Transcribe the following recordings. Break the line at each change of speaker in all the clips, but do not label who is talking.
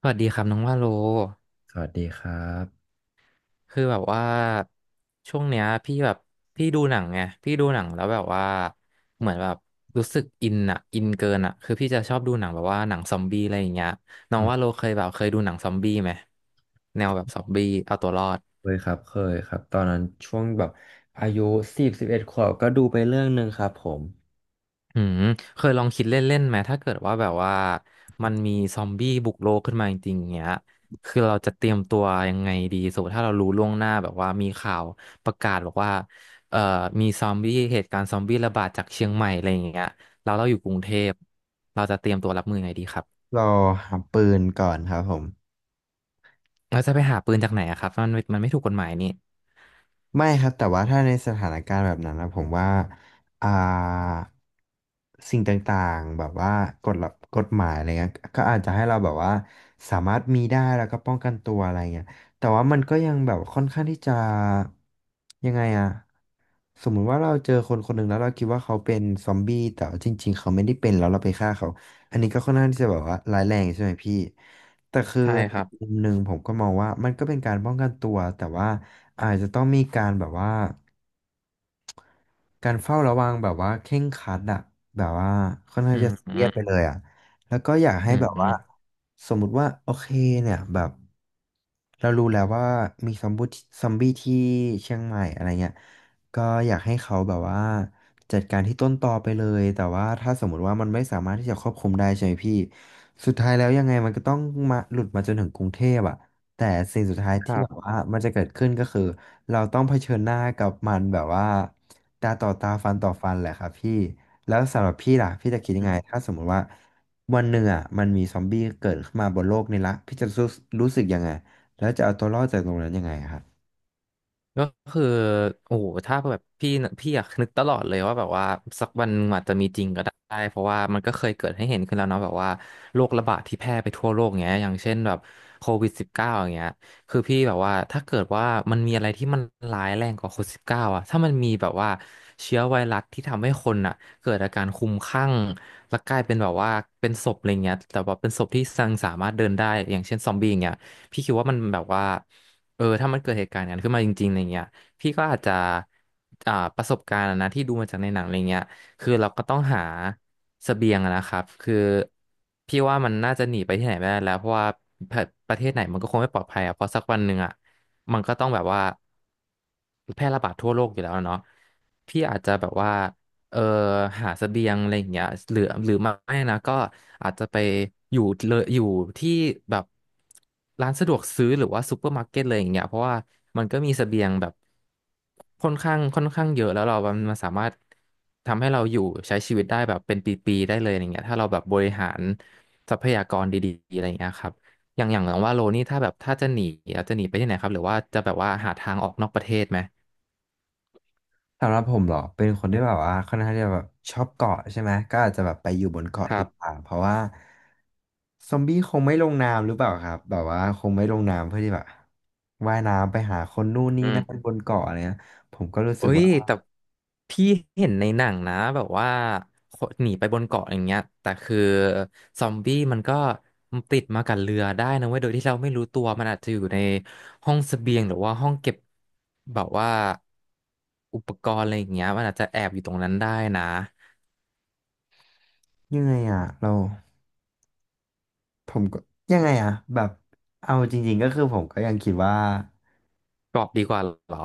สวัสดีครับน้องว่าโล
สวัสดีครับ
คือแบบว่าช่วงเนี้ยพี่แบบพี่ดูหนังไงพี่ดูหนังแล้วแบบว่าเหมือนแบบรู้สึกอินอะอินเกินอะคือพี่จะชอบดูหนังแบบว่าหนังซอมบี้อะไรอย่างเงี้ยน้อ
อื
ง
ม
ว่าโลเคยแบบเคยดูหนังซอมบี้ไหมแนวแบบซอมบี้เอาตัวรอด
เคยครับเคยครับตอนนั้นช่วงแบบอายุสิบเอ็ดขวบก็ดูไปเรื่องหนึ่งครับผม
อืมเคยลองคิดเล่นๆไหมถ้าเกิดว่าแบบว่ามันมีซอมบี้บุกโลกขึ้นมาจริงๆเงี้ยคือเราจะเตรียมตัวยังไงดีสมมติถ้าเรารู้ล่วงหน้าแบบว่ามีข่าวประกาศบอกว่าเอ่อมีซอมบี้เหตุการณ์ซอมบี้ระบาดจากเชียงใหม่อะไรอย่างเงี้ยเราเราอยู่กรุงเทพเราจะเตรียมตัวรับมือยังไงดีครับ
รอหาปืนก่อนครับผม
เราจะไปหาปืนจากไหนอะครับมันมันไม่ถูกกฎหมายนี่
ไม่ครับแต่ว่าถ้าในสถานการณ์แบบนั้นนะผมว่าอ่าสิ่งต่างๆแบบว่ากฎระกฎหมายอะไรเงี้ยก็อาจจะให้เราแบบว่าสามารถมีได้แล้วก็ป้องกันตัวอะไรเงี้ยแต่ว่ามันก็ยังแบบค่อนข้างที่จะยังไงอะสมมุติว่าเราเจอคนคนหนึ่งแล้วเราคิดว่าเขาเป็นซอมบี้แต่ว่าจริงๆเขาไม่ได้เป็นแล้วเราไปฆ่าเขาอันนี้ก็ค่อนข้างที่จะแบบว่าร้ายแรงใช่ไหมพี่แต่คือ
ใช่ครับ
มุมหนึ่งผมก็มองว่ามันก็เป็นการป้องกันตัวแต่ว่า อาจจะต้องมีการแบบว่าการเฝ้าระวังแบบว่าเคร่งครัดอะแบบว่าค่อนข้า
อื
งจะ
ม
ซี
อื
เรียสไปเลยอะแล้วก็อยากให้
มอื
แบบว่า
ม
สมมุติว่าโอเคเนี่ยแบบเรารู้แล้วว่ามีซอมบี้ที่เชียงใหม่อะไรเงี้ยก็อยากให้เขาแบบว่าจัดการที่ต้นตอไปเลยแต่ว่าถ้าสมมติว่ามันไม่สามารถที่จะควบคุมได้ใช่ไหมพี่สุดท้ายแล้วยังไงมันก็ต้องมาหลุดมาจนถึงกรุงเทพอะแต่สิ่งสุดท้าย
ค
ที่
รั
แบบ
บ
ว่ามันจะเกิดขึ้นก็คือ เราต้องเผชิญหน้ากับมันแบบว่าตาต่อตาฟันต่อฟันแหละครับพี่แล้วสำหรับพี่ล่ะพี่จะคิดยังไงถ้าสมมติว่าวันหนึ่งอ่ะมันมีซอมบี้เกิดขึ้นมาบนโลกนี้ละพี่จะรู้รู้สึกยังไงแล้วจะเอาตัวรอดจากตรงนั้นยังไงครับ
ก็คือโอ้โหถ้าแบบพี่นะพี่อยากนึกตลอดเลยว่าแบบว่าสักวันอาจจะมีจริงก็ได้เพราะว่ามันก็เคยเกิดให้เห็นขึ้นแล้วเนาะแบบว่าโรคระบาดที่แพร่ไปทั่วโลกเงี้ยอย่างเช่นแบบโควิดสิบเก้าอย่างเงี้ยคือพี่แบบว่าถ้าเกิดว่ามันมีอะไรที่มันร้ายแรงกว่าโควิดสิบเก้าอะถ้ามันมีแบบว่าเชื้อไวรัสที่ทำให้คนอะเกิดอาการคลุ้มคลั่งแล้วกลายเป็นแบบว่าเป็นศพอะไรเงี้ยแต่ว่าเป็นศพที่ยังสามารถเดินได้อย่างเช่นซอมบี้อย่างเงี้ยพี่คิดว่ามันแบบว่า เออถ้ามันเกิดเหตุการณ์นั้นขึ้นมาจริงๆอะไรเงี้ยพี่ก็อาจจะประสบการณ์อะนะที่ดูมาจากในหนังอะไรเงี้ยคือเราก็ต้องหาเสบียงอะนะครับคือพี่ว่ามันน่าจะหนีไปที่ไหนไม่ได้แล้วเพราะว่าประประเทศไหนมันก็คงไม่ปลอดภัยอะเพราะสักวันหนึ่งอะมันก็ต้องแบบว่าแพร่ระบาดทั่วโลกอยู่แล้วอะเนาะพี่อาจจะแบบว่า เอ่อหาเสบียงอะไรอย่างเงี้ยหรือไม่นะก็อาจจะไปอยู่เลยอยู่ที่แบบร้านสะดวกซื้อหรือว่าซูเปอร์มาร์เก็ตเลยอย่างเงี้ยเพราะว่ามันก็มีเสบียงแบบค่อนข้างเยอะแล้วเรามันสามารถทำให้เราอยู่ใช้ชีวิตได้แบบเป็นปีๆได้เลยอย่างเงี้ยถ้าเราแบบบริหารทรัพยากรดีๆอะไรอย่างเงี้ยครับอย่างว่าโลนี่ถ้าแบบถ้าจะหนีไปที่ไหนครับหรือว่าจะแบบว่าหาทางออกนอกประเทศไหม
สำหรับผมเหรอเป็นคนที่แบบว่าค่อนข้างที่จะแบบชอบเกาะใช่ไหมก็อาจจะแบบไปอยู่บนเกาะ
ครั
ดี
บ
กว่าเพราะว่าซอมบี้คงไม่ลงน้ำหรือเปล่าครับแบบว่าคงไม่ลงน้ำเพื่อที่แบบว่ายน้ำไปหาคนนู่นนี่
อื
นั่น
ม
บนเกาะอะไรเงี้ยผมก็รู้สึ
เอ้
ก
ย
ว่า
แต่พี่เห็นในหนังนะแบบว่าคนหนีไปบนเกาะอย่างเงี้ยแต่คือซอมบี้มันก็ติดมากับเรือได้นะเว้ยโดยที่เราไม่รู้ตัวมันอาจจะอยู่ในห้องเสบียงหรือว่าห้องเก็บแบบว่าอุปกรณ์อะไรอย่างเงี้ยมันอาจจะแอบอยู่ตรงนั้นได้นะ
ยังไงอ่ะเราผมก็ยังไงอ่ะแบบเอาจริงๆก็คือผมก็ยังคิดว่า
เกาะดีกว่าเหรอ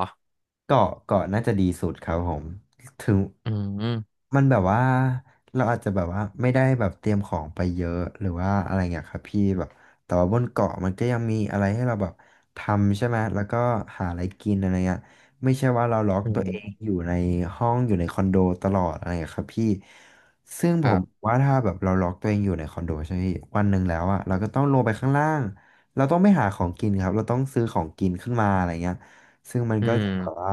เกาะน่าจะดีสุดครับผมถึง
อืม
มันแบบว่าเราอาจจะแบบว่าไม่ได้แบบเตรียมของไปเยอะหรือว่าอะไรเงี้ยครับพี่แบบแต่ว่าบนเกาะมันก็ยังมีอะไรให้เราแบบทำใช่ไหมแล้วก็หาอะไรกินอะไรเงี้ยไม่ใช่ว่าเราล็อก
อื
ตัวเองอ
ม
ยู่ในห้องอยู่ในคอนโดตลอดอะไรเงี้ยครับพี่ซึ่ง
ค
ผ
รั
ม
บ
ว่าถ้าแบบเราล็อกตัวเองอยู่ในคอนโดใช่ไหมพี่วันหนึ่งแล้วอะเราก็ต้องลงไปข้างล่างเราต้องไม่หาของกินครับเราต้องซื้อของกินขึ้นมาอะไรเงี้ย ซึ่งมัน
อื
ก็จะแบบ
ม
ว่า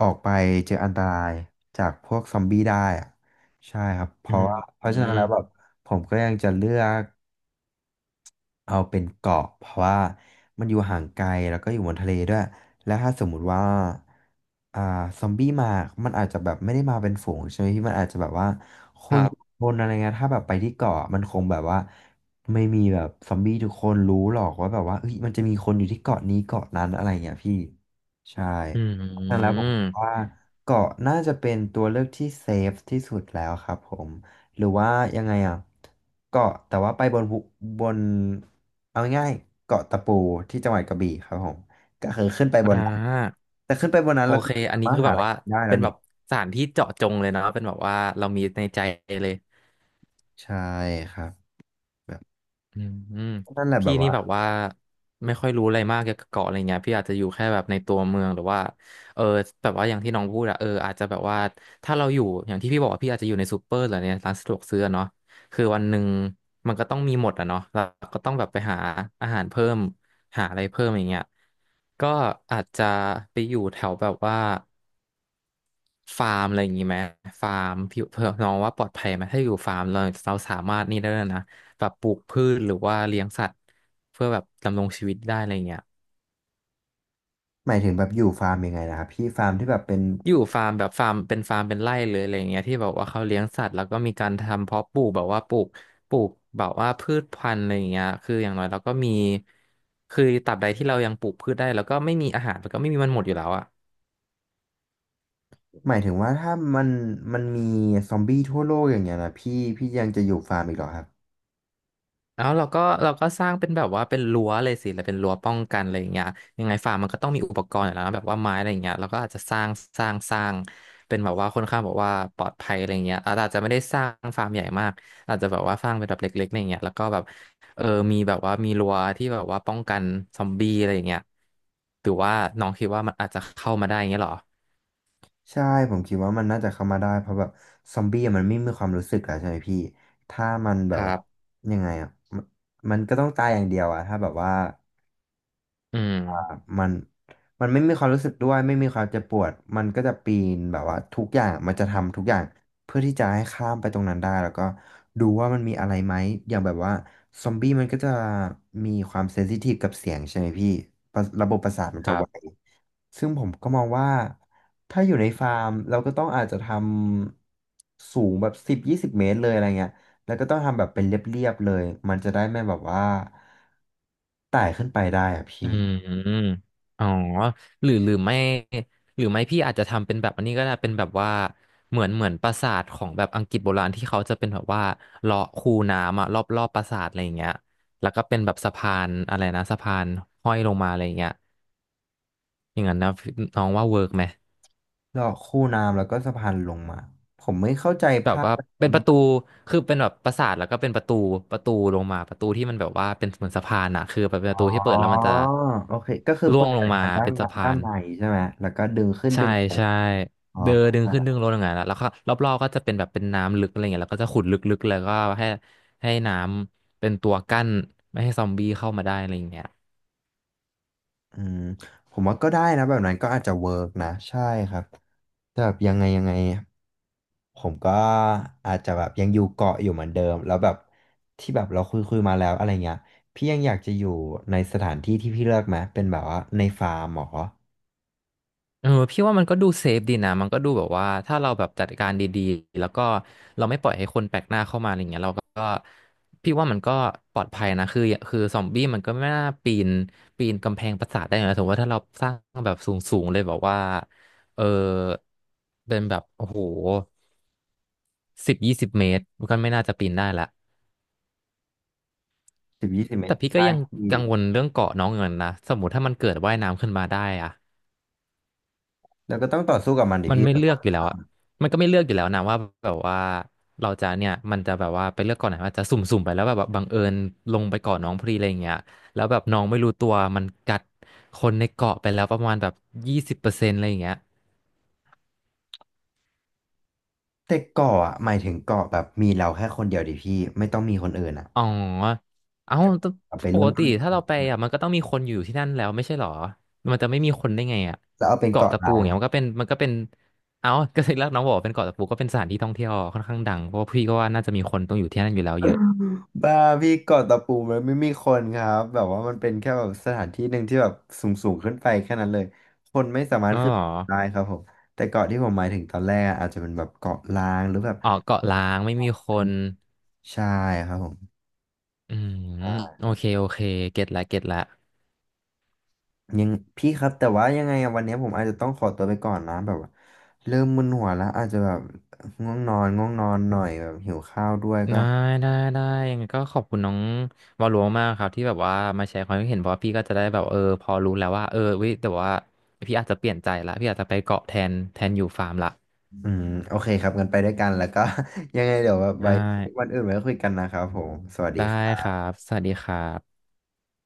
ออกไปเจออันตรายจากพวกซอมบี้ได้อะใช่ครับ เพ
อื
ราะ
ม
ว่าเพ
อื
ราะฉะนั้
ม
นแล้วแบบผมก็ยังจะเลือก เอาเป็นเกาะเพราะว่ามันอยู่ห่างไกลแล้วก็อยู่บนทะเลด้วยแล้วถ้าสมมุติว่าอ่าซอมบี้มามันอาจจะแบบไม่ได้มาเป็นฝูงใช่ไหมพี่มันอาจจะแบบว่าค
ค
น
รั
สอง
บ
คนอะไรเงี้ยถ้าแบบไปที่เกาะมันคงแบบว่าไม่มีแบบซอมบี้ทุกคนรู้หรอกว่าแบบว่าเอ้ยมันจะมีคนอยู่ที่เกาะนี้เกาะนั้นอะไรเงี้ยพี่ใช่
อื
ดังนั้นแล้วผ
ม
มคิดว่าเกาะน่าจะเป็นตัวเลือกที่เซฟที่สุดแล้วครับผม หรือว่ายังไงอ่ะเกาะแต่ว่าไปบนภูบนเอาง่ายๆเกาะตะปูที่จังหวัดกระบี่ครับผมก็คือขึ้นไปบ
อ่
นนั้น
า
แต่ขึ้นไปบนนั้น
โอ
แล้วก็
เคอั
สา
นนี้
มาร
คื
ถ
อ
หา
แบ
อะ
บ
ไร
ว่า
กินได้แล้
เป็
ว
นแบ
นี่
บสถานที่เจาะจงเลยเนาะเป็นแบบว่าเรามีในใจเลย
ใช่ครับแบบ
อืมอืม
นั่นแหละแบ
พี่
บ
นี่
ว่า
แบบว่าไม่ค่อยรู้อะไรมากเกี่ยวกับเกาะอะไรเงี้ยพี่อาจจะอยู่แค่แบบในตัวเมืองหรือว่าเออแบบว่าอย่างที่น้องพูดอะเอออาจจะแบบว่าถ้าเราอยู่อย่างที่พี่บอกว่าพี่อาจจะอยู่ในซูเปอร์หรือในร้านสะดวกซื้ออะเนาะคือวันหนึ่งมันก็ต้องมีหมดอะเนาะเราก็ต้องแบบไปหาอาหารเพิ่มหาอะไรเพิ่มอย่างเงี้ยก็อาจจะไปอยู่แถวแบบว่า ฟาร์มอะไรอย่างงี้ไหมฟาร์มพี่เพื่อน้องว่าปลอดภัยไหมถ้าอยู่ฟาร์มเราเราสามารถนี่ได้แล้วยนะแบบปลูกพืชหรือว่าเลี้ยงสัตว์เพื่อแบบดำรงชีวิตได้อะไรเงี้ย
หมายถึงแบบอยู่ฟาร์มยังไงนะครับพี่ฟาร์มที่แบบเป็น
อยู่ฟาร์มแบบฟาร์มเป็นฟาร์มเป็นไร่เลยอะไรอย่างเงี้ยที่แบบว่าเขาเลี้ยงสัตว์แล้วก็มีการทำเพาะปลูกแบบว่าปลูกแบบว่าพืชพันธุ์อะไรอย่างเงี้ยคืออย่างน้อยเราก็มีคือตราบใดที่เรายังปลูกพืชได้แล้วก็ไม่มีอาหารมันก็ไม่มีมันหมดอยู่แล้วอะ
หมายถึงว่าถ้ามันมีซอมบี้ทั่วโลกอย่างเงี้ยนะพี่พี่ยังจะอยู่ฟาร์มอีกเหรอครับ
แล้วเราก็สร้างเป็นแบบว่าเป็นรั้วเลยสิแล้วเป็นรั้วป้องกันอะไรอย่างเงี้ยยังไงฟาร์มมันก็ต้องมีอุปกรณ์อยู่แล้วนะแบบว่าไม้อะไรอย่างเงี้ยเราก็อาจจะสร้างเป็นแบบว่าค่อนข้างแบบว่าปลอดภัยอะไรอย่างเงี้ยอาจจะไม่ได้สร้างฟาร์มใหญ่มากอาจจะแบบว่าสร้างเป็นแบบเล็กๆอะไรอย่างเงี้ยแล้วก็แบบเออมีแบบว่ามีรั้วที่แบบว่าป้องกันซอมบี้อะไรอย่างเงี้ยหรือว่าน้องคิดว่ามันอาจจะเข้ามาได้อย่างเงี้ยเหรอ
ใช่ผมคิดว่ามันน่าจะเข้ามาได้เพราะแบบซอมบี้อะมันไม่มีความรู้สึกอะใช่ไหมพี่ถ้ามันแบ
ค
บ
รั
ว่า
บ
ยังไงอะมันมันก็ต้องตายอย่างเดียวอะถ้าแบบว่า
อื
แบบ
ม
มันไม่มีความรู้สึกด้วยไม่มีความเจ็บปวดมันก็จะปีนแบบว่าทุกอย่างมันจะทำทุกอย่างเพื่อที่จะให้ข้ามไปตรงนั้นได้แล้วก็ดูว่ามันมีอะไรไหมอย่างแบบว่าซอมบี้มันก็จะมีความเซนซิทีฟกับเสียงใช่ไหมพี่ประระบบประสาทมัน
ค
จะ
รั
ไว
บ
ซึ่งผมก็มองว่าถ้าอยู่ในฟาร์มเราก็ต้องอาจจะทำสูงแบบสิบยี่สิบเมตรเลยอะไรเงี้ยแล้วก็ต้องทำแบบเป็นเรียบๆเลยมันจะได้ไม่แบบว่าไต่ขึ้นไปได้อะ
อื
พี่
มอ๋อหรือหรือไม่หรือไม่พี่อาจจะทำเป็นแบบอันนี้ก็ได้เป็นแบบว่าเหมือนปราสาทของแบบอังกฤษโบราณที่เขาจะเป็นแบบว่าเลาะคูน้ำอะรอบปราสาทอะไรอย่างเงี้ยแล้วก็เป็นแบบสะพานอะไรนะสะพานห้อยลงมาอะไรอย่างเงี้ยอย่างนั้นนะน้องว่าเวิร์กไหม
เจาะคูน้ำแล้วก็สะพานลงมาผมไม่เข้าใจ
แบบ
ภาพ
ว่า
แบบ
เป็น
ว่า
ป
มัน
ระตูคือเป็นแบบปราสาทแล้วก็เป็นประตูลงมาประตูที่มันแบบว่าเป็นเหมือนสะพานอะคือแบบเป็นป
อ๋อ
ระตูที่เปิดแล้วมันจะ
โอเคก็คือ
ร่
เปิ
วง
ด
ลง
สาย
มา
พานด้าน
เป็น
ใน
สะพา
ด้าน
น
ในใช่ไหมแล้วก็ดึงขึ้น
ใช่
ดึงลง
ใช่
อ๋อ
เดิน
เข้า
ดึง
ใจ
ขึ้น
ละ
ดึงลงอย่างเงี้ยแล้วก็รอบๆก็จะเป็นแบบเป็นน้ำลึกอะไรเงี้ยแล้วก็จะขุดลึกๆแล้วก็ให้ให้น้ำเป็นตัวกั้นไม่ให้ซอมบี้เข้ามาได้อะไรอย่างเงี้ย
อืมผมว่าก็ได้นะแบบนั้นก็อาจจะเวิร์กนะใช่ครับแต่แบบยังไงผมก็อาจจะแบบยังอยู่เกาะอยู่เหมือนเดิมแล้วแบบที่แบบเราคุยมาแล้วอะไรเงี้ยพี่ยังอยากจะอยู่ในสถานที่ที่พี่เลือกไหมเป็นแบบว่าในฟาร์มเหรอ
เออพี่ว่ามันก็ดูเซฟดีนะมันก็ดูแบบว่าถ้าเราแบบจัดการดีๆแล้วก็เราไม่ปล่อยให้คนแปลกหน้าเข้ามาอะไรเงี้ยเราก็พี่ว่ามันก็ปลอดภัยนะคือซอมบี้มันก็ไม่น่าปีนกำแพงปราสาทได้นะสมมติว่าถ้าเราสร้างแบบสูงๆเลยแบบว่าเออเป็นแบบโอ้โห10-20 เมตรมันก็ไม่น่าจะปีนได้ละ
สิบยี่สิบเม
แต่
ตร
พี่ก็
ใต้
ยัง
ที่
กังวลเรื่องเกาะน้องเงินนะสมมติถ้ามันเกิดว่ายน้ำขึ้นมาได้อะ
แล้วก็ต้องต่อสู้กับมันดิ
มัน
พี่
ไม่
แ
เลือกอยู่แล้วอะมันก็ไม่เลือกอยู่แล้วนะว่าแบบว่าเราจะเนี่ยมันจะแบบว่าไปเลือกก่อนไหนว่าจะสุ่มๆไปแล้วแบบว่าบังเอิญลงไปก่อนน้องพอดีอะไรอย่างเงี้ยแล้วแบบน้องไม่รู้ตัวมันกัดคนในเกาะไปแล้วประมาณแบบ20%อะไรอย่างเงี้ย
ต่เกาะอ่ะหมายถึงเกาะแบบมีเราแค่คนเดียวดิพี่ไม่ต้องมีคนอื่นอ่ะ
อ๋อเอ้าแต่
เอาไป
ป
เริ่
ก
มต้
ติ
นี่
ถ้าเราไปอ่ะมันก็ต้องมีคนอยู่ที่นั่นแล้วไม่ใช่เหรอมันจะไม่มีคนได้ไงอ่ะ
แล้วเอาเป็น
เกาะ
เกาะ
ตะปู
ล้า
อ
ง
ย่างเงี้ยมันก็เป็นมันก็เป็นเอ้าก็เลยรักน้องบอกว่าเป็นเกาะตะปูก็เป็นสถานที่ท่องเที่ยวค่อนข้างดังเพราะว่าพี่ก็ว่าน่าจะมีคนต้องอยู่ที่นั่นอยู่แล้วเยอะ
บ้าพี่เกาะตะปูมันไม่มีคนครับแบบว่ามันเป็นแค่แบบสถานที่หนึ่งที่แบบสูงขึ้นไปแค่นั้นเลยคนไม่สามารถ
อ๋อ
ขึ้
เห
น
รอ
ไปได้ครับผมแต่เกาะที่ผมหมายถึงตอนแรกอะอาจจะเป็นแบบเกาะล้างหรือแบบ
ออกเกาะล้างไม่มีคน
ใช่ครับผม
อืมโอเคโอเคเก็ตละเก็ตละ
ยังพี่ครับแต่ว่ายังไงอะวันนี้ผมอาจจะต้องขอตัวไปก่อนนะแบบว่าเริ่มมึนหัวแล้วอาจจะแบบง่วงนอนหน่อยแบบหิวข้าวด้วยก็
ได้ได้ได้ยังไงก็ขอบคุณน้องวาลลมมากครับที่แบบว่ามาแชร์ความคิดเห็นเพราะว่าพี่ก็จะได้แบบเออพอรู้แล้วว่าเออเว้ยแต่ว่าพี่อาจจะเปลี่ยนใจละพี่อาจจะไปเกาะแทนอยู่ฟาร์มละ
อืมโอเคครับกันไปด้วยกันแล้วก็ ยังไงเดี๋ยวแบบ
ได้
ไว้วันอื่นไว้คุยกันนะครับผมสวัสดี
ได้
ครั
ค
บ
รับสวัสดีครับ